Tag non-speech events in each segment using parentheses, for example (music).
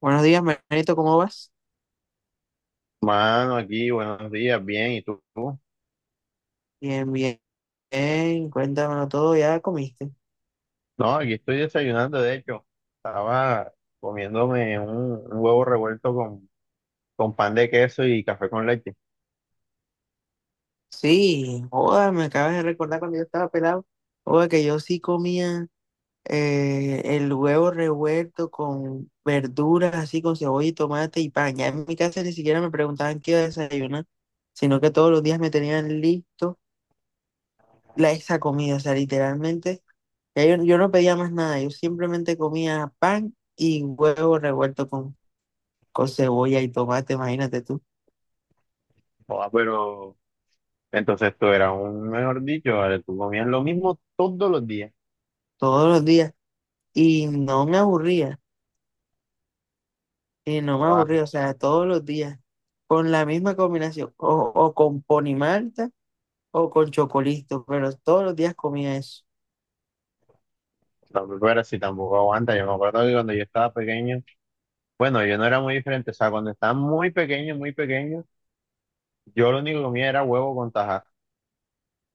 Buenos días, Manito, ¿cómo vas? Mano, aquí, buenos días, bien, ¿y tú? Bien, bien, bien, cuéntamelo todo, ¿ya comiste? No, aquí estoy desayunando, de hecho, estaba comiéndome un huevo revuelto con pan de queso y café con leche. Sí, joda, me acabas de recordar cuando yo estaba pelado, joda, que yo sí comía el huevo revuelto con verduras, así con cebolla y tomate y pan. Ya en mi casa ni siquiera me preguntaban qué iba a desayunar, sino que todos los días me tenían listo esa comida, o sea, literalmente, ya yo no pedía más nada, yo simplemente comía pan y huevo revuelto con cebolla y tomate, imagínate tú, Joda, pero entonces tú eras un, mejor dicho, ¿vale? Tú comías lo mismo todos los días. todos los días. Y no me aburría, Joda, o sea, todos los días, con la misma combinación, o con pon malta o con chocolito, pero todos los días comía eso. no, pero si tampoco aguanta, yo me acuerdo que cuando yo estaba pequeño, bueno, yo no era muy diferente, o sea, cuando estaba muy pequeño, yo lo único que comía era huevo con tajadas.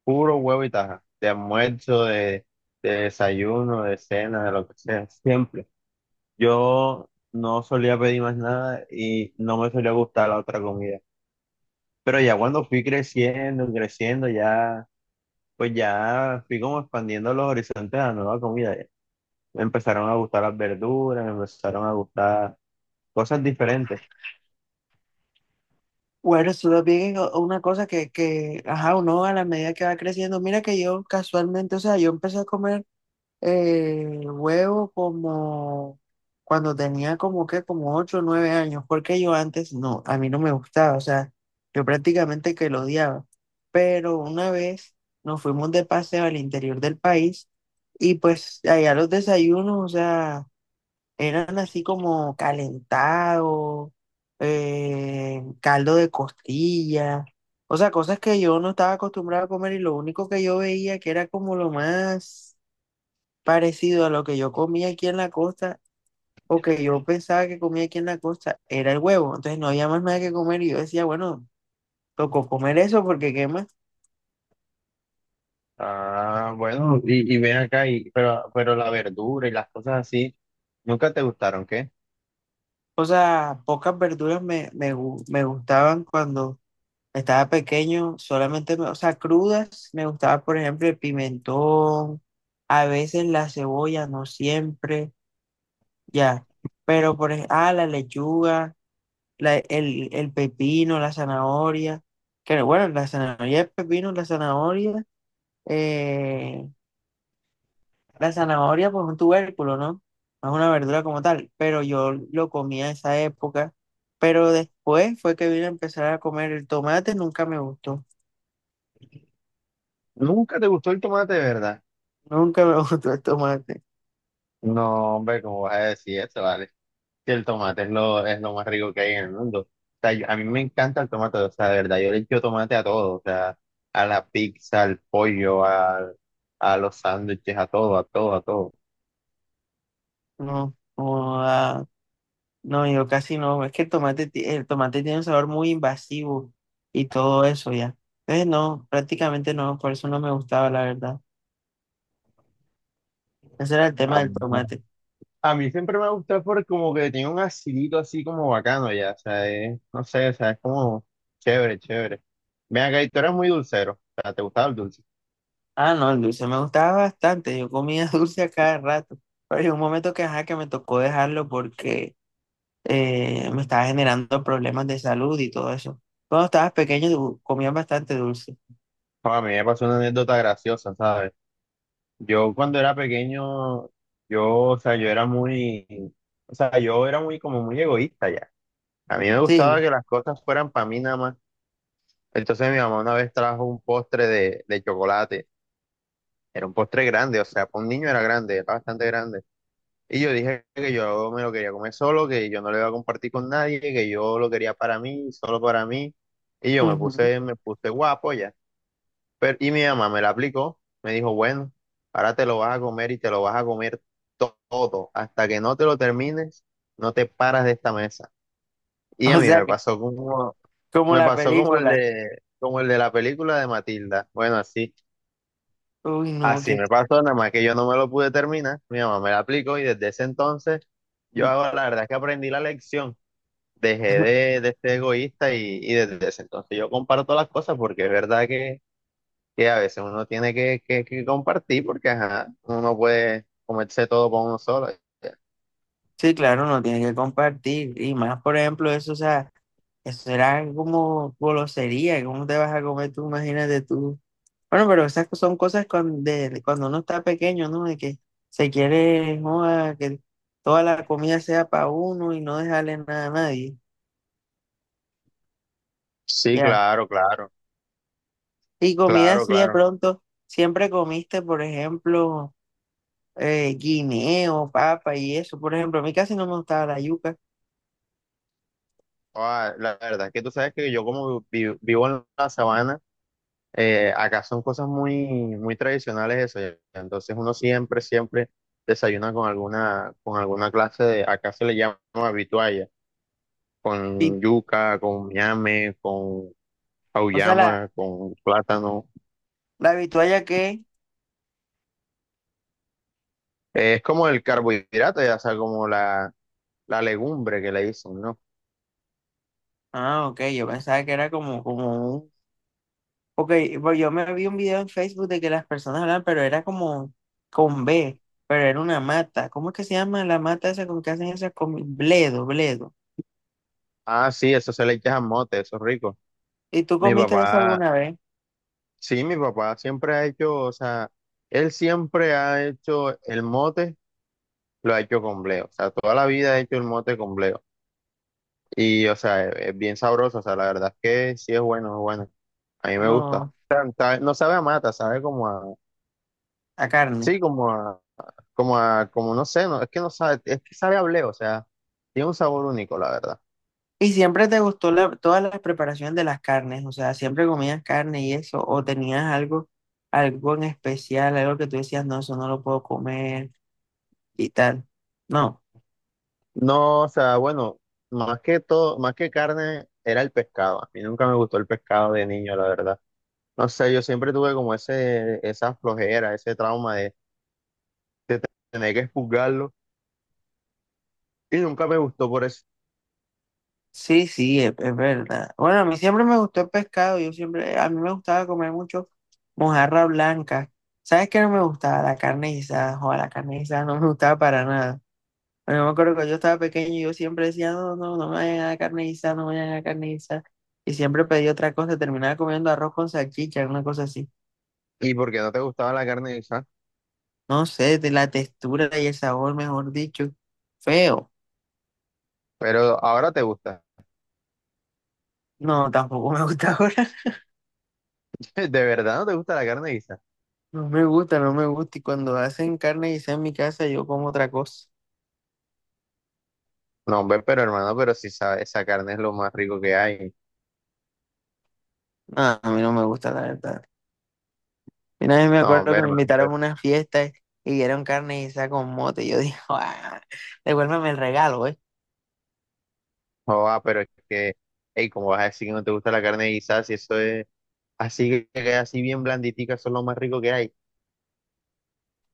Puro huevo y taja, de almuerzo, de desayuno, de cena, de lo que sea, siempre. Yo no solía pedir más nada y no me solía gustar la otra comida. Pero ya cuando fui creciendo, creciendo, ya, pues ya fui como expandiendo los horizontes a la nueva comida. Ya, me empezaron a gustar las verduras, me empezaron a gustar cosas diferentes. Bueno, eso también es una cosa que, ajá, uno a la medida que va creciendo, mira que yo casualmente, o sea, yo empecé a comer juego como cuando tenía como que como ocho o nueve años, porque yo antes no, a mí no me gustaba, o sea, yo prácticamente que lo odiaba. Pero una vez nos fuimos de paseo al interior del país y pues allá los desayunos, o sea, eran así como calentado, caldo de costilla, o sea, cosas que yo no estaba acostumbrado a comer y lo único que yo veía que era como lo más parecido a lo que yo comía aquí en la costa o que yo pensaba que comía aquí en la costa era el huevo. Entonces no había más nada que comer y yo decía, bueno, tocó comer eso porque qué más. Ah, bueno, y ven acá, y, pero la verdura y las cosas así, ¿nunca te gustaron, qué? O sea, pocas verduras me gustaban cuando estaba pequeño, solamente, o sea, crudas, me gustaba, por ejemplo, el pimentón, a veces la cebolla, no siempre, ya. Pero por ejemplo, ah, la lechuga. El pepino, la zanahoria, que bueno, la zanahoria es pepino, eh, la zanahoria pues es un tubérculo, ¿no? No es una verdura como tal, pero yo lo comía en esa época, pero después fue que vine a empezar a comer el tomate, nunca me gustó, Nunca te gustó el tomate, ¿verdad? nunca me (laughs) gustó el tomate, No, hombre, ¿cómo vas a decir eso, vale? Que el tomate es lo más rico que hay en el mundo. O sea, yo- a mí me encanta el tomate, o sea, de verdad, yo le echo tomate a todo, o sea, a la pizza, al pollo, al- a, los sándwiches, a todo, a todo, a todo. no, no, ah, no, yo casi no, es que el tomate, el tomate tiene un sabor muy invasivo y todo eso ya. Entonces no, prácticamente no, por eso no me gustaba, la verdad. Ese era el A, tema del tomate. a mí siempre me ha gustado porque como que tiene un acidito así como bacano ya, o sea, es- no sé, o sea, es como chévere, chévere. Ven acá, y tú eres muy dulcero, o sea, ¿te gustaba el dulce? Ah, no, el dulce me gustaba bastante. Yo comía (laughs) dulce a cada rato. Pero llegó un momento que, ajá, que me tocó dejarlo porque me estaba generando problemas de salud y todo eso. Cuando estabas pequeño comías bastante dulce. No, a mí me pasó una anécdota graciosa, ¿sabes? Yo cuando era pequeño, yo, o sea, yo era muy, o sea, yo era muy como muy egoísta ya. A mí me gustaba Sí. que las cosas fueran para mí nada más. Entonces mi mamá una vez trajo un postre de chocolate. Era un postre grande, o sea, para un niño era grande, era bastante grande. Y yo dije que yo me lo quería comer solo, que yo no lo iba a compartir con nadie, que yo lo quería para mí, solo para mí. Y yo Ujú. (laughs) Me puse guapo ya. Pero, y mi mamá me la aplicó, me dijo, bueno, ahora te lo vas a comer y te lo vas a comer todo. Hasta que no te lo termines, no te paras de esta mesa. Y a O mí sea que, como me la pasó como película. Como el de la película de Matilda. Bueno, así, Uy, no, así que... me pasó, nada más que yo no me lo pude terminar. Mi mamá me la aplicó y desde ese entonces yo hago, la verdad es que aprendí la lección. Dejé (laughs) de ser egoísta y desde ese entonces yo comparto las cosas porque es verdad que a veces uno tiene que compartir porque ajá, uno no puede comerse todo por uno solo. Sí, claro, no tiene que compartir. Y más, por ejemplo, eso, o sea, eso era como golosería. ¿Cómo te vas a comer tú? Imagínate tú. Bueno, pero esas son cosas de cuando uno está pequeño, ¿no? De que se quiere, joda, que toda la comida sea para uno y no dejarle nada a nadie. Sí, Ya. claro, claro, Y comida claro, así de claro. pronto, siempre comiste, por ejemplo, guineo, papa y eso. Por ejemplo, a mí casi no me gustaba la yuca. Ah, la verdad es que tú sabes que yo como vi- vivo en la sabana, acá son cosas muy, muy tradicionales eso. Ya, entonces uno siempre, siempre desayuna con alguna clase de, acá se le llama vitualla, Sí. con yuca, con ñame, con O sea, auyama, con plátano. la vitualla que... Es como el carbohidrato, ya, o sea, como la legumbre que le dicen, ¿no? Ah, ok, yo pensaba que era como, como ok, pues yo me vi un video en Facebook de que las personas hablaban, pero era como con B, pero era una mata. ¿Cómo es que se llama la mata esa con que hacen esas comidas? Bledo, bledo. Ah, sí, eso se le echa a mote, eso es rico. ¿Y tú Mi comiste eso papá, alguna vez? sí, mi papá siempre ha hecho, o sea, él siempre ha hecho el mote, lo ha hecho con bleo. O sea, toda la vida ha hecho el mote con bleo. Y, o sea, es bien sabroso, o sea, la verdad es que sí es bueno, es bueno. A mí me gusta. O No, sea, sabe- no sabe a mata, sabe como a, a carne. sí, como a, como a, como no sé, no, es que no sabe, es que sabe a bleo, o sea, tiene un sabor único, la verdad. ¿Y siempre te gustó la, todas las preparaciones de las carnes? O sea, ¿siempre comías carne y eso? ¿O tenías algo, algo en especial, algo que tú decías, no, eso no lo puedo comer y tal? No. No, o sea, bueno, más que todo, más que carne, era el pescado. A mí nunca me gustó el pescado de niño, la verdad. No sé, yo siempre tuve como ese, esa flojera, ese trauma de tener que expurgarlo y nunca me gustó por eso. Sí, es verdad. Bueno, a mí siempre me gustó el pescado. Yo siempre, a mí me gustaba comer mucho mojarra blanca. ¿Sabes qué no me gustaba? La carne guisada. Joder, la carne guisada no me gustaba para nada. Bueno, me acuerdo que yo estaba pequeño y yo siempre decía, no, no, no me vayan a dar carne guisada, no me vayan a dar carne guisada. Y siempre pedí otra cosa, terminaba comiendo arroz con salchicha, una cosa así. Y porque no te gustaba la carne guisa, No sé, de la textura y el sabor, mejor dicho. Feo. pero ahora te gusta. No, tampoco me (laughs) gusta ahora. (laughs) ¿De verdad no te gusta la carne guisa? No me gusta, no me gusta. Y cuando hacen carne y en mi casa, yo como otra cosa. No, hombre, pero hermano, pero sí sabe. Esa carne es lo más rico que hay. No, a mí no me gusta, la verdad. Y una vez me No, acuerdo hombre, que me hermano, invitaron pero, a una fiesta y dieron carne y con mote. Y yo dije, (laughs) "Ah, devuélveme el regalo, ¿eh? joda, pero es que, hey, ¿cómo vas a decir que no te gusta la carne guisa si eso es? Así que así bien blanditicas son lo más rico que hay.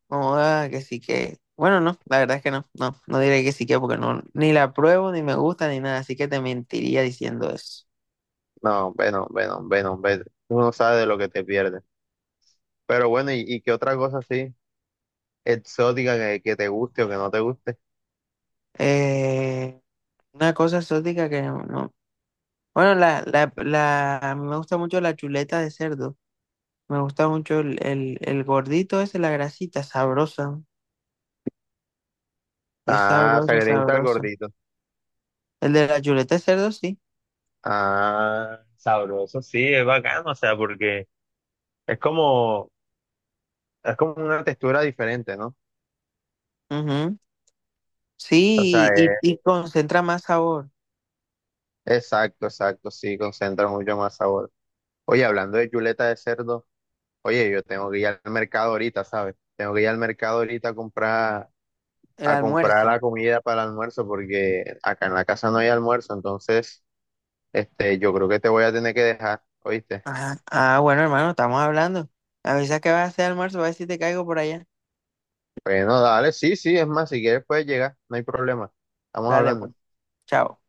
Como, "Ah, que sí que. Bueno, no, la verdad es que no, no, no diré que sí que porque no, ni la pruebo, ni me gusta, ni nada. Así que te mentiría diciendo eso. No, bueno, bueno, bueno, vete. Tú no sabes de lo que te pierdes. Pero bueno, y qué otra cosa así exótica que te guste o que no te guste? Eh, una cosa exótica que no. Bueno, la, a mí me gusta mucho la chuleta de cerdo. Me gusta mucho el gordito ese, la grasita, sabrosa. Es Ah, o sea, sabroso, que te gusta el sabroso. gordito. El de la chuleta de cerdo, sí. Ah, sabroso, sí, es bacano, o sea, porque es como, es como una textura diferente, ¿no? Ujú. O sea, Sí, y concentra más sabor. exacto, exacto, sí, concentra mucho más sabor. Oye, hablando de chuleta de cerdo, oye, yo tengo que ir al mercado ahorita, ¿sabes? Tengo que ir al mercado ahorita El a comprar la almuerzo. comida para el almuerzo porque acá en la casa no hay almuerzo, entonces este, yo creo que te voy a tener que dejar, ¿oíste? Ajá. Ah, bueno, hermano, estamos hablando. Avisa que vas a hacer almuerzo, a ver si te caigo por allá. Bueno, dale, sí, sí, es más, si quieres puedes llegar, no hay problema. Estamos Dale, hablando. pues. Chao.